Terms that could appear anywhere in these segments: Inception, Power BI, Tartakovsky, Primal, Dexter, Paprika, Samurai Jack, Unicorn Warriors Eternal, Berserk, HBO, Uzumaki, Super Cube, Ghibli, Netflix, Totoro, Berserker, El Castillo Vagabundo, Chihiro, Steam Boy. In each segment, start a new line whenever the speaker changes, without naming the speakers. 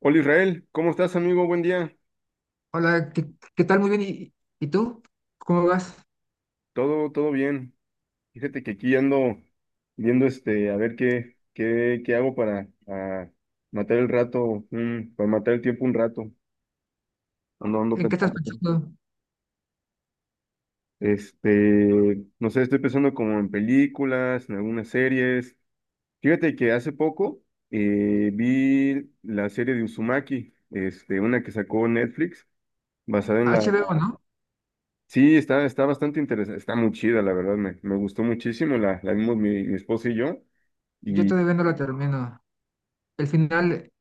Hola Israel, ¿cómo estás amigo? Buen día.
Hola, ¿qué tal? Muy bien. ¿Y tú? ¿Cómo vas?
Todo bien. Fíjate que aquí ando viendo a ver qué hago para matar el rato, para matar el tiempo un rato. Ando
¿En qué estás
pensando.
pensando?
No sé, estoy pensando como en películas, en algunas series. Fíjate que hace poco vi la serie de Uzumaki, este, una que sacó Netflix, basada en la,
HBO, ¿no?
Sí, está, está bastante interesante, está muy chida, la verdad, me gustó muchísimo, la vimos mi, mi esposa y yo,
Yo
y
todavía no la termino. El final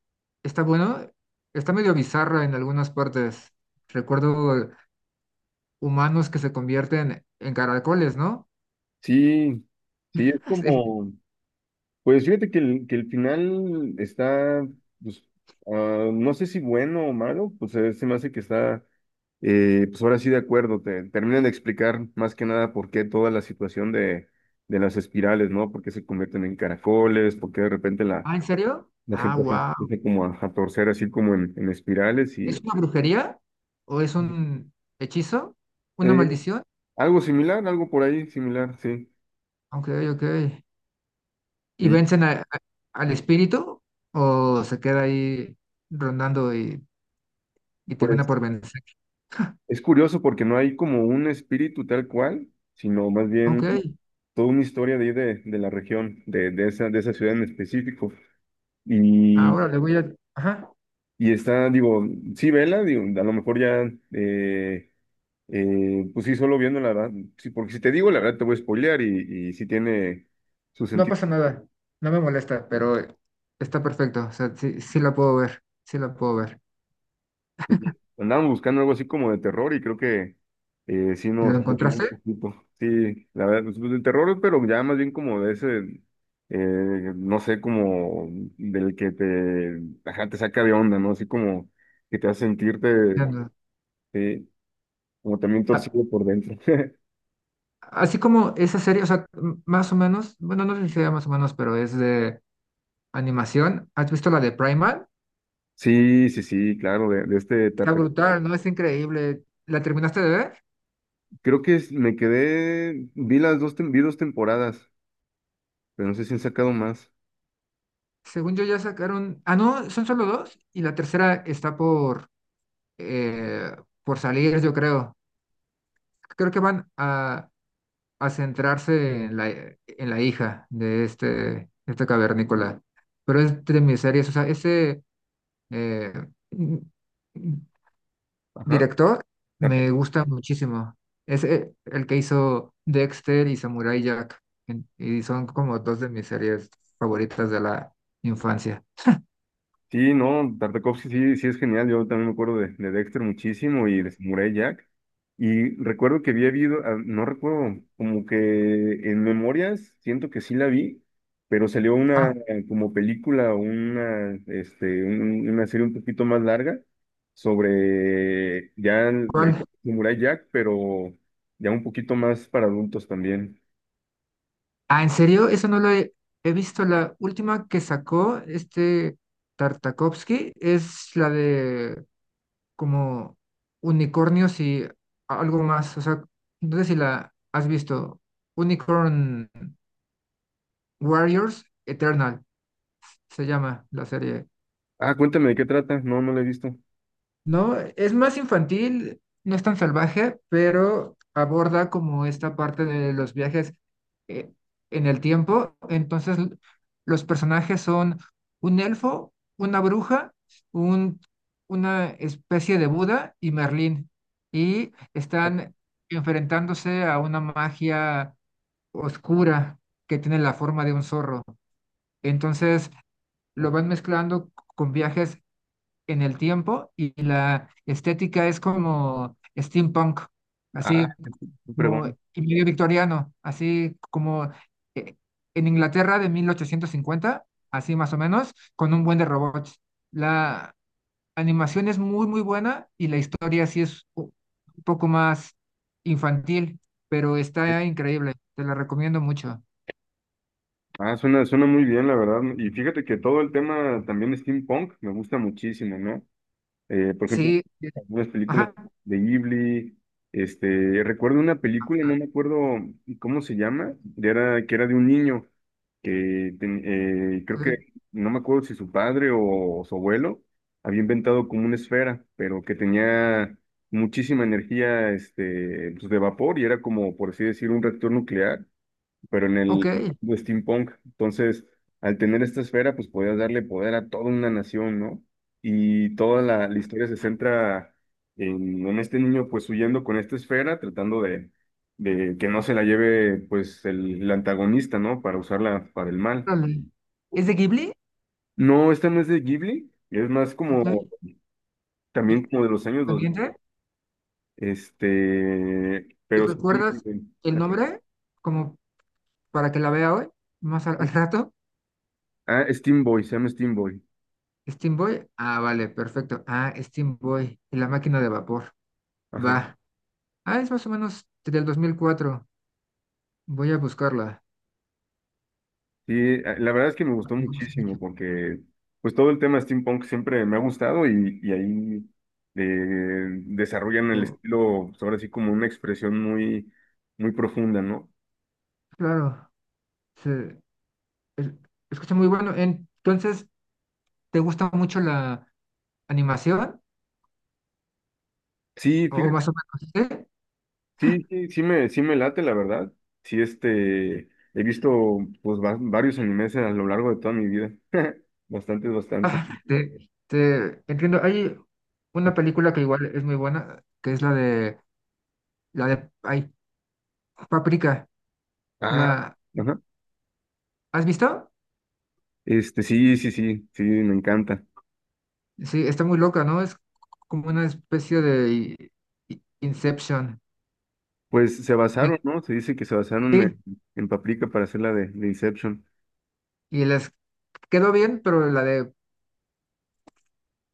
está bueno, está medio bizarro en algunas partes. Recuerdo humanos que se convierten en caracoles, ¿no?
sí, sí, es
Sí.
como, pues fíjate que que el final está, pues, no sé si bueno o malo, pues se me hace que está, pues ahora sí de acuerdo, te terminan de explicar más que nada por qué toda la situación de las espirales, ¿no? Por qué se convierten en caracoles, por qué de repente la,
Ah, ¿en serio?
la
Ah,
gente se
wow.
empieza como a torcer así como en espirales
¿Es
y...
una brujería? ¿O es un hechizo? ¿Una
Ujú.
maldición?
Algo similar, algo por ahí similar, sí.
Ok, ok. ¿Y
Sí,
vencen al espíritu? ¿O se queda ahí rondando y termina
pues
por vencer?
es curioso porque no hay como un espíritu tal cual, sino más
Ok,
bien toda una historia de, ahí de la región, de esa ciudad en específico. Y,
ahora le voy a. Ajá,
y está, digo, sí, vela, digo, a lo mejor ya, pues sí, solo viendo la verdad, sí, porque si te digo la verdad te voy a spoilear y sí tiene su
no
sentido.
pasa nada, no me molesta, pero está perfecto, o sea, sí, sí la puedo ver, sí la puedo ver.
Sí, andábamos buscando algo así como de terror y creo que sí
¿Lo
nos motivó un
encontraste?
poquito. Sí, la verdad, pues, de terror, pero ya más bien como de ese, eh, no sé, como del que te, ajá, te saca de onda, ¿no? Así como que te hace sentirte,
Ya no.
sí, como también
A-
torcido por dentro.
Así como esa serie, o sea, más o menos, bueno, no sé si sea más o menos, pero es de animación. ¿Has visto la de Primal?
Sí, sí, sí, claro, de este
Está
etapa.
brutal, ¿no? Es increíble. ¿La terminaste de ver?
Creo que me quedé, vi las dos, vi dos temporadas, pero no sé si han sacado más.
Según yo ya sacaron. Ah, no, son solo dos y la tercera está eh, por salir, yo creo. Creo que van a centrarse en la, hija de este cavernícola. Pero es de mis series, o sea, ese eh, mm,
Ajá.
director me gusta muchísimo. Es el que hizo Dexter y Samurai Jack. Y son como dos de mis series favoritas de la infancia.
Sí, no, Tartakovsky sí, sí es genial. Yo también me acuerdo de Dexter muchísimo y de Samurai Jack. Y recuerdo que había habido, no recuerdo, como que en memorias siento que sí la vi, pero salió una
Ah,
como película, o una, este, una serie un poquito más larga sobre ya la
¿cuál?
Samurai Jack, pero ya un poquito más para adultos también.
Ah, ¿en serio? Eso no lo he visto. La última que sacó este Tartakovsky es la de como unicornios y algo más. O sea, no sé si la has visto. Unicorn Warriors Eternal se llama la serie.
Ah, cuéntame de qué trata. No, no la he visto.
No, es más infantil, no es tan salvaje, pero aborda como esta parte de los viajes eh, en el tiempo. Entonces, los personajes son un elfo, una bruja, un, una especie de Buda y Merlín. Y están enfrentándose a una magia oscura que tiene la forma de un zorro. Entonces, lo van mezclando con viajes en el tiempo y la estética es como steampunk,
Ah,
así
qué
como
pregunta.
y medio victoriano, así como eh, en Inglaterra de 1850, así más o menos, con un buen de robots. La animación es muy, muy buena y la historia sí es un poco más infantil, pero está increíble, te la recomiendo mucho.
Ah, suena, suena muy bien, la verdad. Y fíjate que todo el tema también de steampunk me gusta muchísimo, ¿no? Por ejemplo,
Sí,
algunas películas
ajá,
de Ghibli. Este, recuerdo una película, no me acuerdo cómo se llama, de era, que era de un niño que creo que,
ok,
no me acuerdo si su padre o su abuelo había inventado como una esfera, pero que tenía muchísima energía, este, pues, de vapor y era como, por así decir, un reactor nuclear pero en
ok,
el mundo steampunk. Entonces, al tener esta esfera, pues podías darle poder a toda una nación, ¿no? Y toda la, la historia se centra en este niño, pues huyendo con esta esfera, tratando de que no se la lleve, pues, el antagonista, ¿no? Para usarla para el mal.
órale. ¿Es de Ghibli?
No, esta no es de Ghibli, es más
Ok,
como, también
¿y-
como de los años 2000,
pendiente?
este, pero...
¿Recuerdas el nombre? Como para que la vea hoy, más al rato.
Ah, Steam Boy, se llama Steam Boy.
Steam Boy. Ah, vale, perfecto. Ah, Steam Boy y la máquina de vapor.
Ajá.
Va. Ah, es más o menos del 2004. Voy a buscarla.
Sí, la verdad es que me gustó
No me escucho.
muchísimo porque pues todo el tema steampunk siempre me ha gustado y ahí desarrollan el estilo, pues, ahora sí como una expresión muy, muy profunda, ¿no?
Claro, se es- escucha muy bueno. Entonces, ¿te gusta mucho la animación?
Sí,
O
fíjate,
más o menos, ¿sí?
sí, sí, sí me late, la verdad. Sí, este, he visto pues varios animes a lo largo de toda mi vida. Bastante, bastante.
Te entiendo. Hay una película que igual es muy buena, que es la de ay, Paprika.
Ah,
¿La
ajá.
has visto?
Este, sí, sí, sí, sí, me encanta.
Sí, está muy loca, ¿no? Es como una especie de Inception.
Pues se
Me-
basaron, ¿no? Se dice que se basaron
sí,
en Paprika para hacer la de Inception.
y les quedó bien, pero la de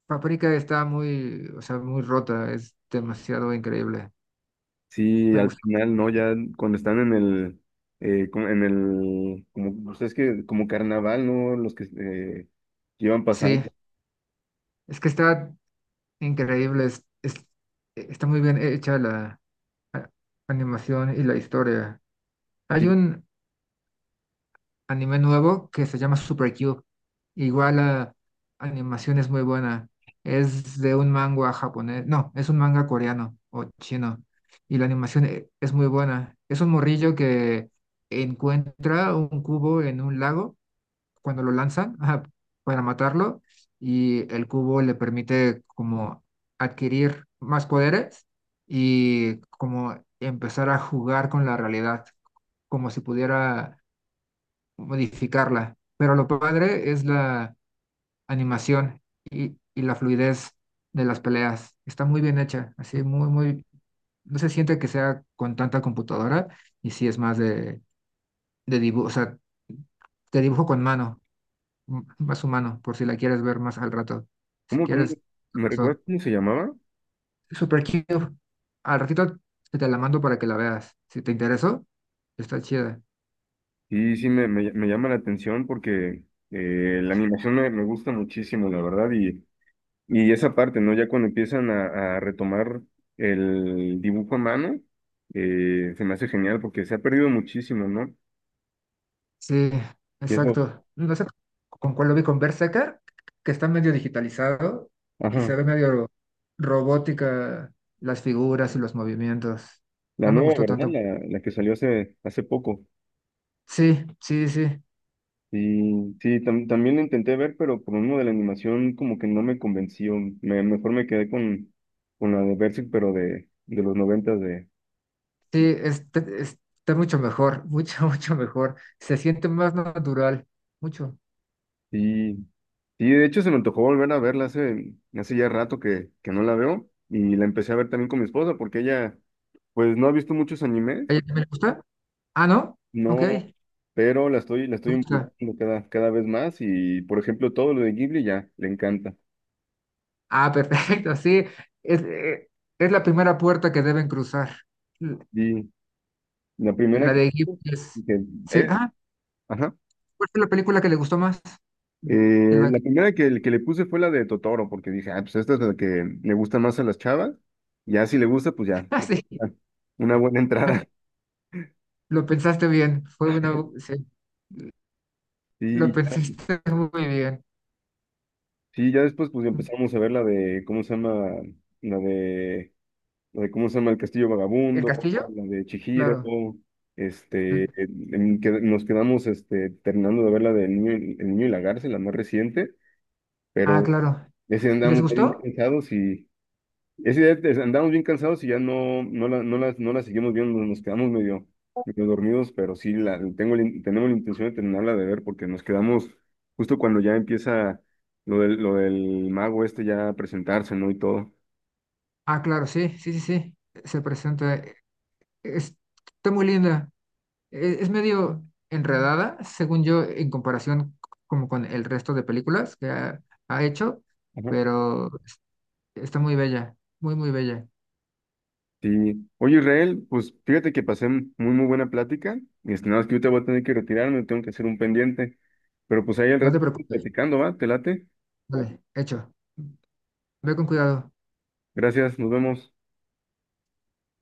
Paprika está muy, o sea, muy rota, es demasiado increíble.
Sí,
Me
al
gusta.
final, ¿no? Ya cuando están en el, en el, como, pues es que como carnaval, ¿no? Los que llevan
Sí,
pasando.
es que está increíble, está muy bien hecha la a- animación y la historia. Hay
Sí.
un anime nuevo que se llama Super Cube. Igual la animación es muy buena. Es de un manga japonés, no, es un manga coreano o chino. Y la animación es muy buena. Es un morrillo que encuentra un cubo en un lago cuando lo lanzan, ajá, para matarlo, y el cubo le permite como adquirir más poderes y como empezar a jugar con la realidad, como si pudiera modificarla. Pero lo padre es la animación y la fluidez de las peleas. Está muy bien hecha, así muy, muy, no se siente que sea con tanta computadora y sí es más de dibujo, o sea, te dibujo con mano, más humano, por si la quieres ver más al rato. Si
¿Cómo, cómo?
quieres,
¿Me
so-
recuerdas cómo se llamaba?
super cute. Al ratito te la mando para que la veas. Si te interesó, está chida.
Sí, sí, me llama la atención porque la animación me gusta muchísimo, la verdad, y esa parte, ¿no? Ya cuando empiezan a retomar el dibujo a mano, se me hace genial porque se ha perdido muchísimo, ¿no?
Sí,
Y es
exacto. No sé con cuál lo vi, con Berserker, que está medio digitalizado y
ajá,
se ve medio robótica las figuras y los movimientos.
la
No me
nueva,
gustó
¿verdad?
tanto.
La que salió hace, hace poco.
Sí, sí, sí,
Y sí, también la intenté ver, pero por uno de la animación como que no me convenció. Mejor me quedé con la de Berserk, pero de los noventas de
sí, está mucho mejor, mucho, mucho mejor. Se siente más natural, mucho.
sí, sí, de hecho se me antojó volver a verla hace, hace ya rato que no la veo y la empecé a ver también con mi esposa porque ella pues no ha visto muchos animes,
¿A ella también le gusta? Ah, ¿no? Ok,
no,
le
pero la estoy
gusta.
involucrando cada, cada vez más y por ejemplo todo lo de Ghibli ya le encanta.
Ah, perfecto, sí. Es, eh, es la primera puerta que deben cruzar. L-
Y la primera
La
que,
de Ghibli es.
que-
Sí,
eh,
ah,
ajá,
¿cuál fue la película que le gustó más? De la-
la primera que le puse fue la de Totoro porque dije, ah, pues esta es la que le gusta más a las chavas, ya si le gusta pues ya,
Ah, sí,
una buena entrada.
lo pensaste bien. Fue una. Sí, lo
Sí,
pensaste muy bien.
sí, ya después pues empezamos a ver la de, ¿cómo se llama? La de, la de ¿cómo se llama? El Castillo
¿El
Vagabundo,
castillo?
la de Chihiro,
Claro.
este, en que nos quedamos este, terminando de ver la de El Niño, El Niño y la Garza, la más reciente,
Ah,
pero
claro.
ese
¿Y les
andamos bien
gustó?
cansados y, es idea, andamos bien cansados y ya no, no las no la seguimos viendo, nos quedamos medio, medio dormidos, pero sí la, tengo, la in- tenemos la intención de terminarla de ver porque nos quedamos justo cuando ya empieza lo del mago este ya a presentarse, ¿no? Y todo.
Ah, claro, sí, sí, sí, sí. Se presenta. Es- Está muy linda. Es medio enredada, según yo, en comparación como con el resto de películas que ha hecho,
Ajá.
pero está muy bella, muy, muy bella.
Sí. Oye, Israel, pues fíjate que pasé muy, muy buena plática. Este, nada más que yo te voy a tener que retirarme, tengo que hacer un pendiente. Pero pues ahí al
No
rato
te preocupes.
platicando, ¿va? ¿Te late?
Vale, hecho. Ve con cuidado.
Gracias, nos vemos.